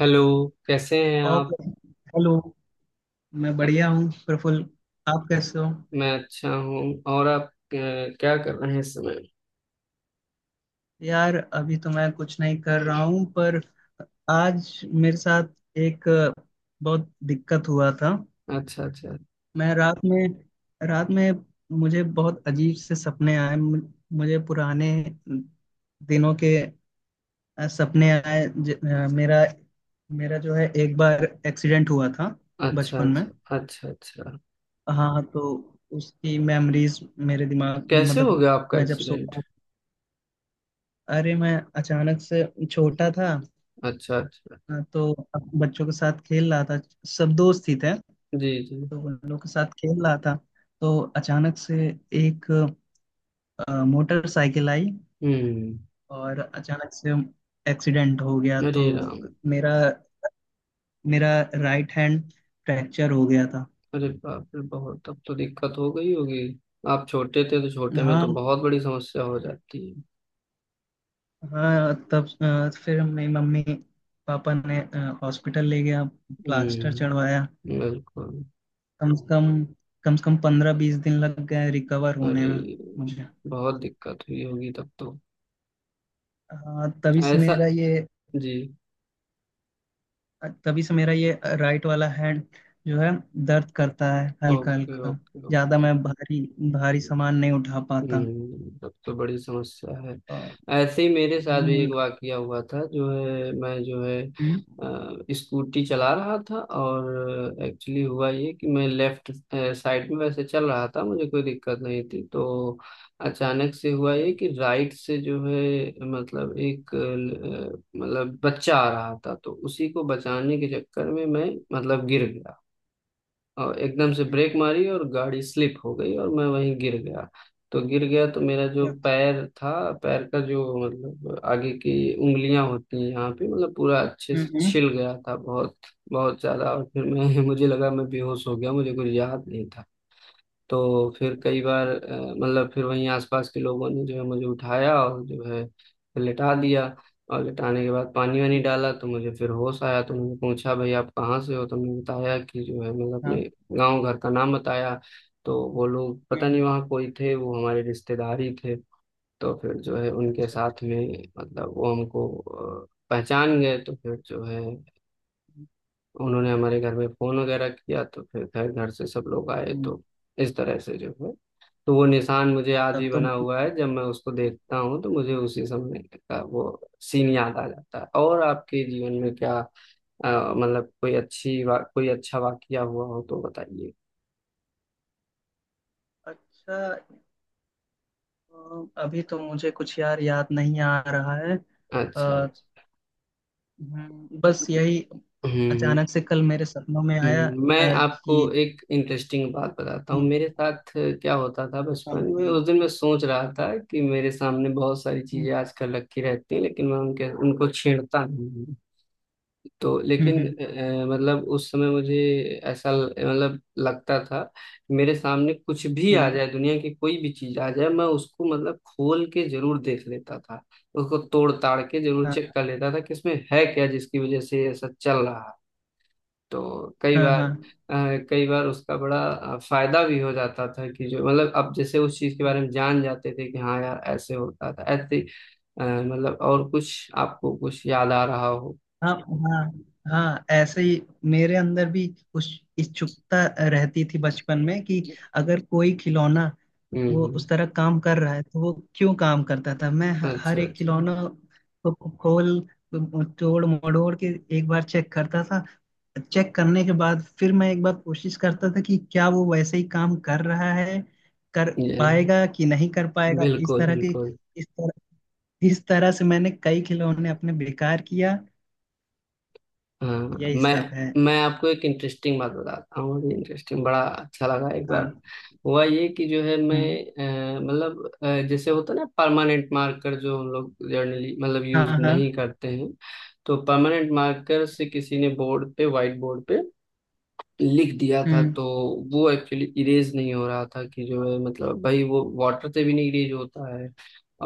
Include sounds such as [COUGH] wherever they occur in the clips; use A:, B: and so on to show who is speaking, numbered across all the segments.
A: Hello. कैसे हैं
B: और
A: आप?
B: हेलो। मैं बढ़िया हूँ प्रफुल्ल। आप कैसे हो?
A: मैं अच्छा हूँ। और आप क्या कर रहे हैं इस समय?
B: यार अभी तो मैं कुछ नहीं कर रहा हूँ पर आज मेरे साथ एक बहुत दिक्कत हुआ था।
A: अच्छा अच्छा।
B: मैं रात में मुझे बहुत अजीब से सपने आए। मुझे पुराने दिनों के सपने आए। ज, अ, मेरा मेरा जो है एक बार एक्सीडेंट हुआ था
A: अच्छा
B: बचपन में।
A: अच्छा। अच्छा अच्छा।
B: हाँ तो उसकी मेमोरीज मेरे दिमाग
A: कैसे हो
B: मतलब।
A: गया आपका
B: मैं जब सो,
A: एक्सीडेंट?
B: अरे मैं अचानक से छोटा था।
A: अच्छा अच्छा।
B: हाँ, तो अब बच्चों के साथ खेल रहा था। सब दोस्त ही थे।
A: जी जी।
B: तो उन लोगों के साथ खेल रहा था। तो अचानक से एक मोटरसाइकिल आई
A: हम्म।
B: और अचानक से एक्सीडेंट हो गया। तो
A: अरे राम।
B: मेरा मेरा राइट हैंड फ्रैक्चर हो गया था।
A: अरे बाप रे, बहुत तब तो दिक्कत हो गई होगी। आप छोटे थे तो छोटे में
B: हाँ।
A: तो बहुत बड़ी समस्या हो जाती है।
B: हाँ तब फिर मेरी मम्मी पापा ने हॉस्पिटल ले गया। प्लास्टर चढ़वाया।
A: हम्म, बिल्कुल।
B: कम से कम कम से कम 15-20 दिन लग गए रिकवर होने
A: अरे
B: में मुझे।
A: बहुत दिक्कत हुई होगी तब तो।
B: हाँ,
A: ऐसा। जी।
B: तभी से मेरा ये राइट वाला हैंड जो है दर्द करता है हल्का
A: ओके
B: हल्का।
A: ओके
B: ज्यादा
A: ओके।
B: मैं भारी भारी सामान नहीं उठा पाता।
A: तब तो बड़ी समस्या है।
B: और-
A: ऐसे ही मेरे साथ भी एक
B: हम्म।
A: वाकया हुआ था। जो है मैं जो है
B: हम्म।
A: स्कूटी चला रहा था। और एक्चुअली हुआ ये कि मैं लेफ्ट साइड में वैसे चल रहा था, मुझे कोई दिक्कत नहीं थी। तो अचानक से हुआ ये कि राइट से जो है, मतलब एक मतलब बच्चा आ रहा था, तो उसी को बचाने के चक्कर में मैं मतलब गिर गया। और एकदम से
B: हम्म।
A: ब्रेक मारी और गाड़ी स्लिप हो गई और मैं वहीं गिर गया। तो गिर गया तो मेरा जो
B: हम्म।
A: पैर था, पैर का जो मतलब आगे की उंगलियां होती हैं यहाँ पे, मतलब पूरा अच्छे
B: हम्म।
A: से छिल
B: हम्म।
A: गया था। बहुत बहुत ज्यादा। और फिर मैं [LAUGHS] मुझे लगा मैं बेहोश हो गया, मुझे कुछ याद नहीं था। तो फिर कई बार मतलब फिर वहीं आसपास के लोगों ने जो है मुझे उठाया और जो है फिर लिटा
B: हम्म।
A: दिया। और लिटाने के बाद पानी वानी
B: हम्म।
A: डाला तो मुझे फिर होश आया। तो मैंने पूछा भाई आप कहाँ से हो, तो मैंने बताया कि जो है मतलब
B: हाँ।
A: अपने गांव घर का नाम बताया। तो वो लोग पता
B: हम्म।
A: नहीं वहाँ कोई थे, वो हमारे रिश्तेदार ही थे। तो फिर जो है उनके
B: अच्छा
A: साथ
B: अच्छा।
A: में मतलब वो हमको पहचान गए। तो फिर जो है उन्होंने हमारे घर में फोन वगैरह किया, तो फिर घर घर से सब लोग आए।
B: हम्म,
A: तो इस तरह से जो है। तो वो निशान मुझे आज भी
B: तब तो।
A: बना हुआ है, जब मैं उसको देखता हूँ तो मुझे उसी समय का वो सीन याद आ जाता है। और आपके जीवन में क्या मतलब कोई कोई अच्छा वाकया हुआ हो तो बताइए।
B: अच्छा। अभी तो मुझे कुछ यार याद नहीं आ रहा है।
A: अच्छा
B: अ,
A: अच्छा।
B: बस यही।
A: हम्म।
B: अचानक से कल मेरे सपनों में आया।
A: हम्म। मैं
B: अ,
A: आपको
B: कि
A: एक इंटरेस्टिंग बात बताता हूँ,
B: हम्म।
A: मेरे साथ क्या होता था
B: हाँ,
A: बचपन में।
B: बताइए।
A: उस दिन मैं सोच रहा था कि मेरे सामने बहुत सारी
B: हम्म।
A: चीजें आजकल रखी रहती हैं, लेकिन मैं उनके उनको छेड़ता नहीं हूँ। तो लेकिन
B: हम्म।
A: मतलब उस समय मुझे ऐसा मतलब लगता था, मेरे सामने कुछ भी आ
B: हम्म,
A: जाए, दुनिया की कोई भी चीज आ जाए, मैं उसको मतलब खोल के जरूर देख लेता था। उसको तोड़ ताड़ के जरूर
B: हाँ।
A: चेक कर लेता था कि इसमें है क्या जिसकी वजह से ये ऐसा चल रहा है। तो कई
B: हाँ।
A: बार
B: हाँ।
A: कई बार उसका बड़ा फायदा भी हो जाता था कि जो मतलब अब जैसे उस चीज के बारे में जान जाते थे कि हाँ यार ऐसे होता था ऐसे। मतलब और कुछ आपको कुछ याद आ रहा हो?
B: हाँ। हाँ। हाँ ऐसे ही मेरे अंदर भी उस इच्छुकता रहती थी बचपन में कि अगर कोई खिलौना
A: हम्म
B: वो
A: हम्म।
B: उस तरह काम कर रहा है तो वो क्यों काम करता था। मैं
A: अच्छा
B: हर एक
A: अच्छा।
B: खिलौना को खोल तोड़ मड़ोड़ के एक बार चेक करता था। चेक करने के बाद फिर मैं एक बार कोशिश करता था कि क्या वो वैसे ही काम कर रहा है, कर
A: ये
B: पाएगा कि नहीं कर पाएगा, इस
A: बिल्कुल
B: तरह की।
A: बिल्कुल।
B: इस तरह इस तरह से मैंने कई खिलौने अपने बेकार किया।
A: हाँ।
B: यही
A: मैं
B: सब है।
A: मैं आपको एक इंटरेस्टिंग बात बताता हूँ, मुझे इंटरेस्टिंग बड़ा अच्छा लगा एक बार।
B: हाँ।
A: हुआ ये कि जो है मैं
B: हम्म।
A: मतलब जैसे होता है ना परमानेंट मार्कर, जो हम लोग जर्नली मतलब
B: हाँ
A: यूज नहीं
B: हाँ।
A: करते हैं। तो परमानेंट मार्कर से किसी ने बोर्ड पे, व्हाइट बोर्ड पे लिख दिया था।
B: हम्म।
A: तो वो एक्चुअली इरेज नहीं हो रहा था कि जो है मतलब भाई वो वाटर से भी नहीं इरेज होता है।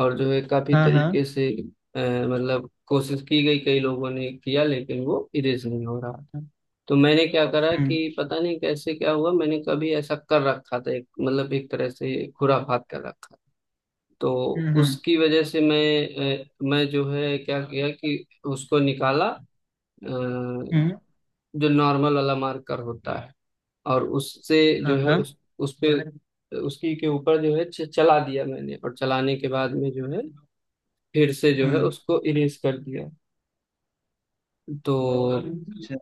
A: और जो है काफी
B: हाँ हाँ।
A: तरीके से मतलब कोशिश की गई, कई लोगों ने किया, लेकिन वो इरेज नहीं हो रहा था। तो मैंने क्या करा
B: हम्म।
A: कि पता नहीं कैसे क्या हुआ, मैंने कभी ऐसा कर रखा था, एक मतलब एक तरह से खुराफात कर रखा था। तो
B: हम्म। हम्म।
A: उसकी वजह से मैं, मैं जो है क्या किया कि उसको निकाला,
B: हम्म,
A: जो नॉर्मल वाला मार्कर होता है, और उससे
B: हाँ
A: जो है
B: हाँ।
A: उस पे उसकी के ऊपर जो है चला दिया मैंने। और चलाने के बाद में जो है फिर से जो है
B: हम्म।
A: उसको इरेज कर दिया। तो
B: अच्छा।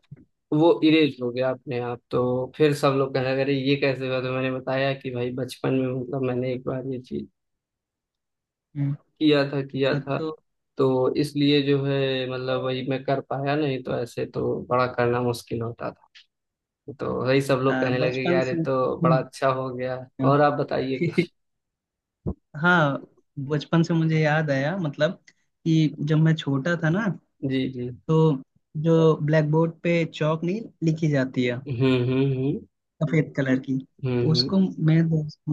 A: वो इरेज हो गया अपने आप। तो फिर सब लोग कहने लगे अरे ये कैसे हुआ, तो मैंने बताया कि भाई बचपन में मतलब मैंने एक बार ये चीज
B: हम्म,
A: किया था।
B: तो
A: तो इसलिए जो है मतलब वही मैं कर पाया, नहीं तो ऐसे तो बड़ा करना मुश्किल होता था। तो वही सब लोग कहने लगे कि
B: बचपन
A: यार ये
B: से।
A: तो बड़ा अच्छा हो गया।
B: हाँ।
A: और आप बताइए कुछ।
B: [LAUGHS] हाँ, बचपन से मुझे याद आया मतलब, कि जब मैं छोटा था ना।
A: जी जी।
B: तो जो ब्लैक बोर्ड पे चौक नहीं लिखी जाती है,
A: हम्म हम्म हम्म
B: सफेद कलर की,
A: हम्म।
B: उसको मैं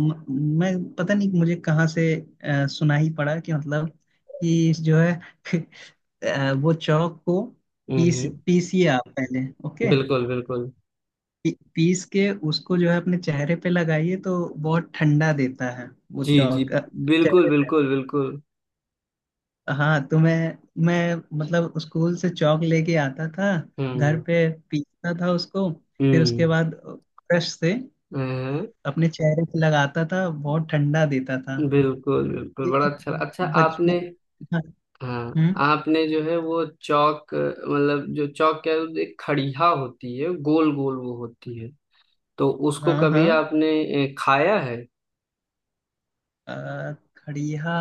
B: मैं पता नहीं मुझे कहाँ से सुना ही पड़ा कि मतलब, कि जो है [LAUGHS] वो चौक को
A: हम्म हम्म,
B: पीस
A: हम्म,
B: पीसिए आप पहले, ओके।
A: बिल्कुल बिल्कुल।
B: पीस के उसको जो है अपने चेहरे पे लगाइए तो बहुत ठंडा देता है वो
A: जी जी।
B: चौक
A: बिल्कुल
B: चेहरे पे।
A: बिल्कुल बिल्कुल।
B: हाँ तो मैं मतलब स्कूल से चौक लेके आता था, घर
A: हम्म
B: पे पीसता था उसको। फिर उसके
A: हम्म।
B: बाद ब्रश से
A: हाँ,
B: अपने चेहरे पे लगाता था, बहुत ठंडा देता था।
A: बिल्कुल बिल्कुल।
B: ये
A: बड़ा
B: तो
A: अच्छा, अच्छा आपने।
B: बचपन। हाँ।
A: हाँ।
B: हम्म,
A: आपने जो है वो चौक मतलब जो चौक क्या है, वो एक खड़िया होती है, गोल गोल वो होती है। तो उसको
B: हाँ
A: कभी
B: हाँ।
A: आपने खाया है?
B: खड़िया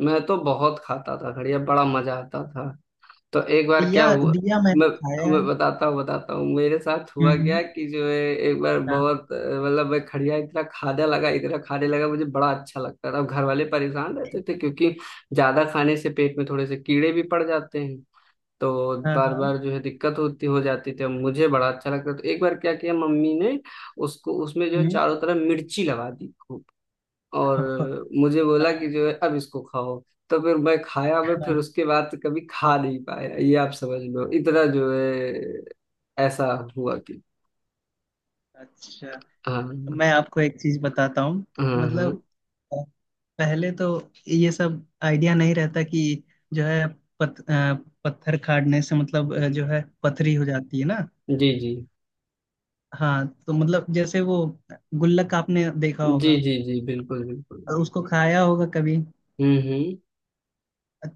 A: मैं तो बहुत खाता था खड़िया, बड़ा मजा आता था। तो एक बार क्या
B: दिया
A: हुआ,
B: दिया मैंने
A: मैं
B: खाया
A: मैं
B: है।
A: बताता हूँ मेरे साथ
B: हम्म।
A: हुआ क्या कि जो है एक बार
B: हाँ
A: बहुत मतलब मैं खड़िया इतना खाने लगा इतना खाने लगा, मुझे बड़ा अच्छा लगता था। अब घर वाले परेशान रहते थे क्योंकि ज्यादा खाने से पेट में थोड़े से कीड़े भी पड़ जाते हैं। तो
B: हाँ
A: बार
B: हाँ।
A: बार जो है दिक्कत होती हो जाती थी। अब मुझे बड़ा अच्छा लगता, तो एक बार क्या किया मम्मी ने, उसको उसमें जो है
B: हम्म।
A: चारों तरफ मिर्ची लगा दी।
B: [LAUGHS]
A: और
B: हाँ।
A: मुझे बोला कि जो है अब इसको खाओ। तो फिर मैं खाया, मैं फिर
B: हाँ।
A: उसके बाद कभी खा नहीं पाया, ये आप समझ लो इतना जो है ऐसा हुआ कि।
B: अच्छा।
A: हाँ।
B: मैं आपको एक चीज बताता हूँ
A: हाँ। हाँ।
B: मतलब अ, पहले तो ये सब आइडिया नहीं रहता कि जो है पत, अ, पत्थर खाड़ने से मतलब जो है पथरी हो जाती है ना।
A: जी जी।
B: हाँ तो मतलब जैसे वो गुल्लक आपने देखा
A: जी
B: होगा
A: जी जी, बिल्कुल बिल्कुल।
B: और उसको खाया होगा कभी।
A: हम्म।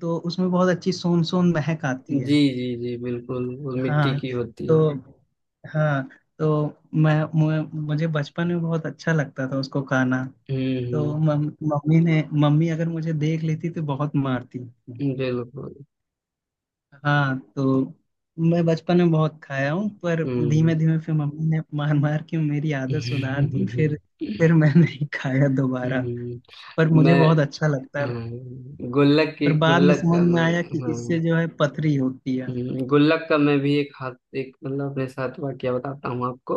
B: तो उसमें बहुत अच्छी सोन सोन महक आती है।
A: जी जी जी, बिल्कुल, वो मिट्टी
B: हाँ।
A: की होती है।
B: तो, हाँ, तो मुझे बचपन में बहुत अच्छा लगता था उसको खाना। तो
A: हम्म
B: मम्मी ने, मम्मी अगर मुझे देख लेती तो बहुत मारती।
A: हम्म। बिल्कुल।
B: हाँ तो मैं बचपन में बहुत खाया हूँ पर
A: हम्म
B: धीमे धीमे फिर मम्मी ने मार मार के मेरी आदत सुधार
A: हम्म।
B: दी
A: [LAUGHS]
B: फिर।
A: हम्म,
B: फिर मैं [LAUGHS] नहीं खाया दोबारा। पर मुझे
A: मैं,
B: बहुत अच्छा लगता है।
A: हाँ, गुल्लक की,
B: पर बाद में
A: गुल्लक
B: समझ
A: का
B: में
A: मैं,
B: आया कि
A: हाँ,
B: इससे जो है पथरी होती है।
A: गुल्लक का मैं भी एक हाथ, एक मतलब अपने साथ वाकया बताता हूँ आपको।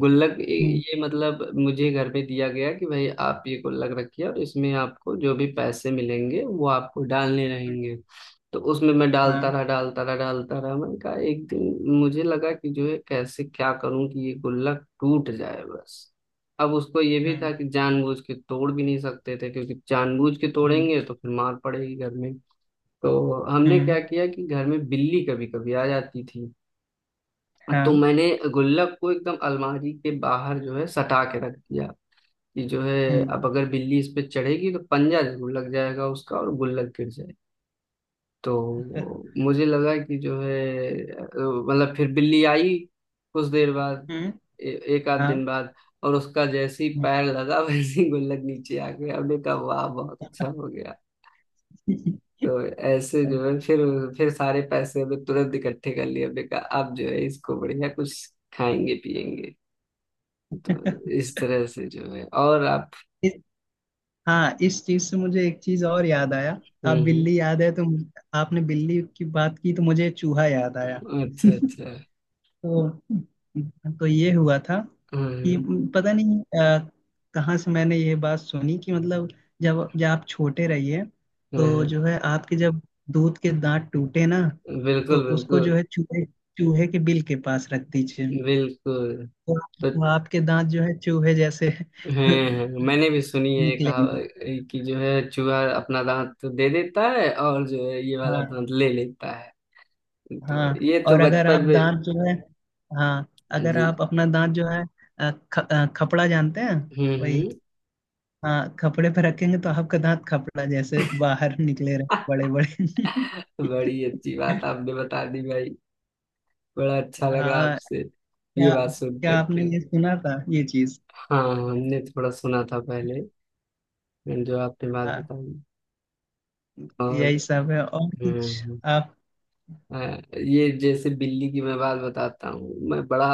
A: गुल्लक ये
B: हम्म।
A: ये मतलब मुझे घर पे दिया गया कि भाई आप ये गुल्लक रखिए और इसमें आपको जो भी पैसे मिलेंगे वो आपको डालने रहेंगे। तो उसमें मैं डालता
B: हाँ।
A: रहा डालता रहा डालता रहा मैंने कहा एक दिन मुझे लगा कि जो है कैसे क्या करूं कि ये गुल्लक टूट जाए बस। अब उसको ये भी था
B: हम्म।
A: कि जानबूझ के तोड़ भी नहीं सकते थे क्योंकि जानबूझ के
B: हम्म।
A: तोड़ेंगे तो फिर मार पड़ेगी घर में। तो हमने
B: हम्म।
A: क्या किया कि घर में बिल्ली कभी कभी आ जाती थी। तो
B: हाँ।
A: मैंने गुल्लक को एकदम अलमारी के बाहर जो है सटा के रख दिया कि जो है
B: हम्म।
A: अब अगर बिल्ली इस पे चढ़ेगी तो पंजा जरूर लग जाएगा उसका और गुल्लक गिर जाए। तो मुझे लगा कि जो है मतलब फिर बिल्ली आई कुछ देर बाद,
B: हम्म,
A: ए, एक आध
B: हाँ।
A: दिन बाद। और उसका जैसे ही पैर लगा [LAUGHS] वैसे ही गुल्लक नीचे आ गया। हमने कहा वाह बहुत अच्छा हो गया। तो ऐसे जो
B: हम्म।
A: है फिर सारे पैसे हमें तुरंत इकट्ठे कर लिए, हमने कहा अब जो है इसको बढ़िया कुछ खाएंगे पिएंगे। तो इस तरह से जो है। और आप?
B: [LAUGHS] हाँ, इस चीज से मुझे एक चीज और याद आया। आप
A: हम्म
B: बिल्ली याद है तो आपने बिल्ली की बात की तो मुझे चूहा याद आया। [LAUGHS]
A: अच्छा अच्छा।
B: तो तो ये हुआ था कि
A: हम्म
B: पता नहीं कहाँ से मैंने ये बात सुनी कि मतलब, जब जब आप छोटे रहिए
A: हम्म
B: तो
A: हम्म,
B: जो है आपके, जब दूध के दांत टूटे ना, तो
A: बिल्कुल
B: उसको जो
A: बिल्कुल
B: है चूहे चूहे के बिल के पास रख दीजिए।
A: बिल्कुल।
B: तो
A: तो
B: वो आपके दांत जो है चूहे जैसे [LAUGHS]
A: मैंने भी सुनी है, कहा
B: निकलेंगे।
A: कि जो है चूहा अपना दांत दे देता है और जो है ये वाला
B: हाँ।
A: दांत ले लेता है। तो
B: हाँ।
A: ये तो
B: और अगर आप
A: बचपन में।
B: दांत जो है, हाँ, अगर
A: जी।
B: आप अपना दांत जो है खपड़ा जानते हैं। वही,
A: हम्म।
B: हाँ, खपड़े पे रखेंगे तो आपका दांत खपड़ा जैसे बाहर निकले रहे बड़े बड़े।
A: बड़ी अच्छी बात
B: [LAUGHS]
A: आपने बता दी भाई, बड़ा अच्छा लगा
B: हाँ।
A: आपसे ये
B: क्या
A: बात सुन
B: क्या आपने
A: करके।
B: ये सुना था ये चीज?
A: हाँ हमने थोड़ा सुना था पहले, जो आपने बात
B: हाँ
A: बताई। और
B: यही सब है। और कुछ
A: हम्म।
B: आप?
A: अ, ये जैसे बिल्ली की मैं बात बताता हूँ। मैं बड़ा,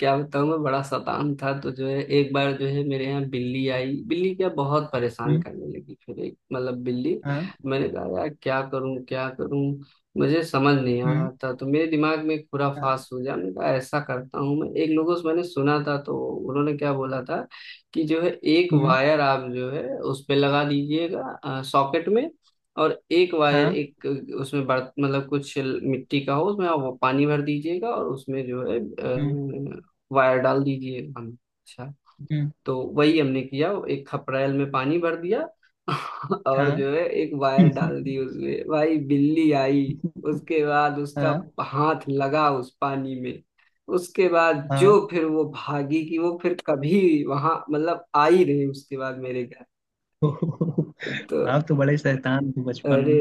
A: क्या बताऊँ, मैं बड़ा शैतान था। तो जो है एक बार जो है मेरे यहाँ बिल्ली आई, बिल्ली क्या बहुत परेशान
B: हम्म,
A: करने लगी, फिर एक मतलब बिल्ली।
B: हाँ।
A: मैंने कहा यार क्या करूँ क्या करूँ, मुझे समझ नहीं आ रहा
B: हम्म।
A: था। तो मेरे दिमाग में एक
B: हाँ।
A: खुराफास हो गया, मैंने कहा ऐसा करता हूँ, मैं एक लोगों से मैंने सुना था तो उन्होंने क्या बोला था कि जो है एक
B: हम्म।
A: वायर आप जो है उस पे लगा दीजिएगा सॉकेट में। और एक वायर
B: हाँ।
A: एक उसमें बर्त मतलब कुछ मिट्टी का हो उसमें आप वो पानी भर दीजिएगा, और उसमें जो है
B: हम्म।
A: वायर डाल दीजिएगा। हम अच्छा।
B: हम्म,
A: तो वही हमने किया, एक खपरेल में पानी भर दिया [LAUGHS] और
B: हाँ।
A: जो है एक वायर डाल
B: [LAUGHS]
A: दी उसमें। भाई बिल्ली आई, उसके बाद उसका
B: हाँ।
A: हाथ लगा उस पानी में, उसके बाद जो
B: हाँ।
A: फिर वो भागी कि वो फिर कभी वहां मतलब आई रही उसके बाद मेरे घर।
B: [LAUGHS]
A: तो
B: आप तो बड़े शैतान थे बचपन।
A: अरे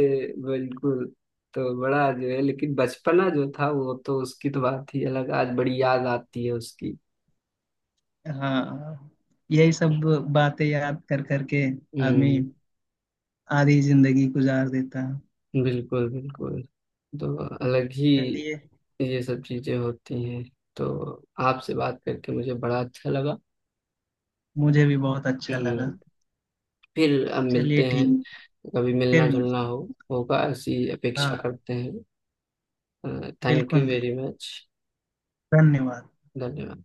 A: बिल्कुल। तो बड़ा जो है, लेकिन बचपना जो था वो तो, उसकी तो बात ही अलग, आज बड़ी याद आती है उसकी।
B: हाँ। यही सब बातें याद कर करके आदमी
A: हम्म,
B: आधी जिंदगी गुजार देता है।
A: बिल्कुल बिल्कुल। तो अलग ही
B: चलिए,
A: ये सब चीजें होती हैं। तो आपसे बात करके मुझे बड़ा अच्छा लगा।
B: मुझे भी बहुत अच्छा लगा।
A: हम्म। फिर अब
B: चलिए
A: मिलते हैं,
B: ठीक।
A: कभी
B: फिर
A: मिलना जुलना हो
B: मिलते
A: होगा ऐसी
B: हैं।
A: अपेक्षा
B: हाँ
A: करते हैं। थैंक यू
B: बिल्कुल बिल्कुल।
A: Very much.
B: धन्यवाद।
A: धन्यवाद।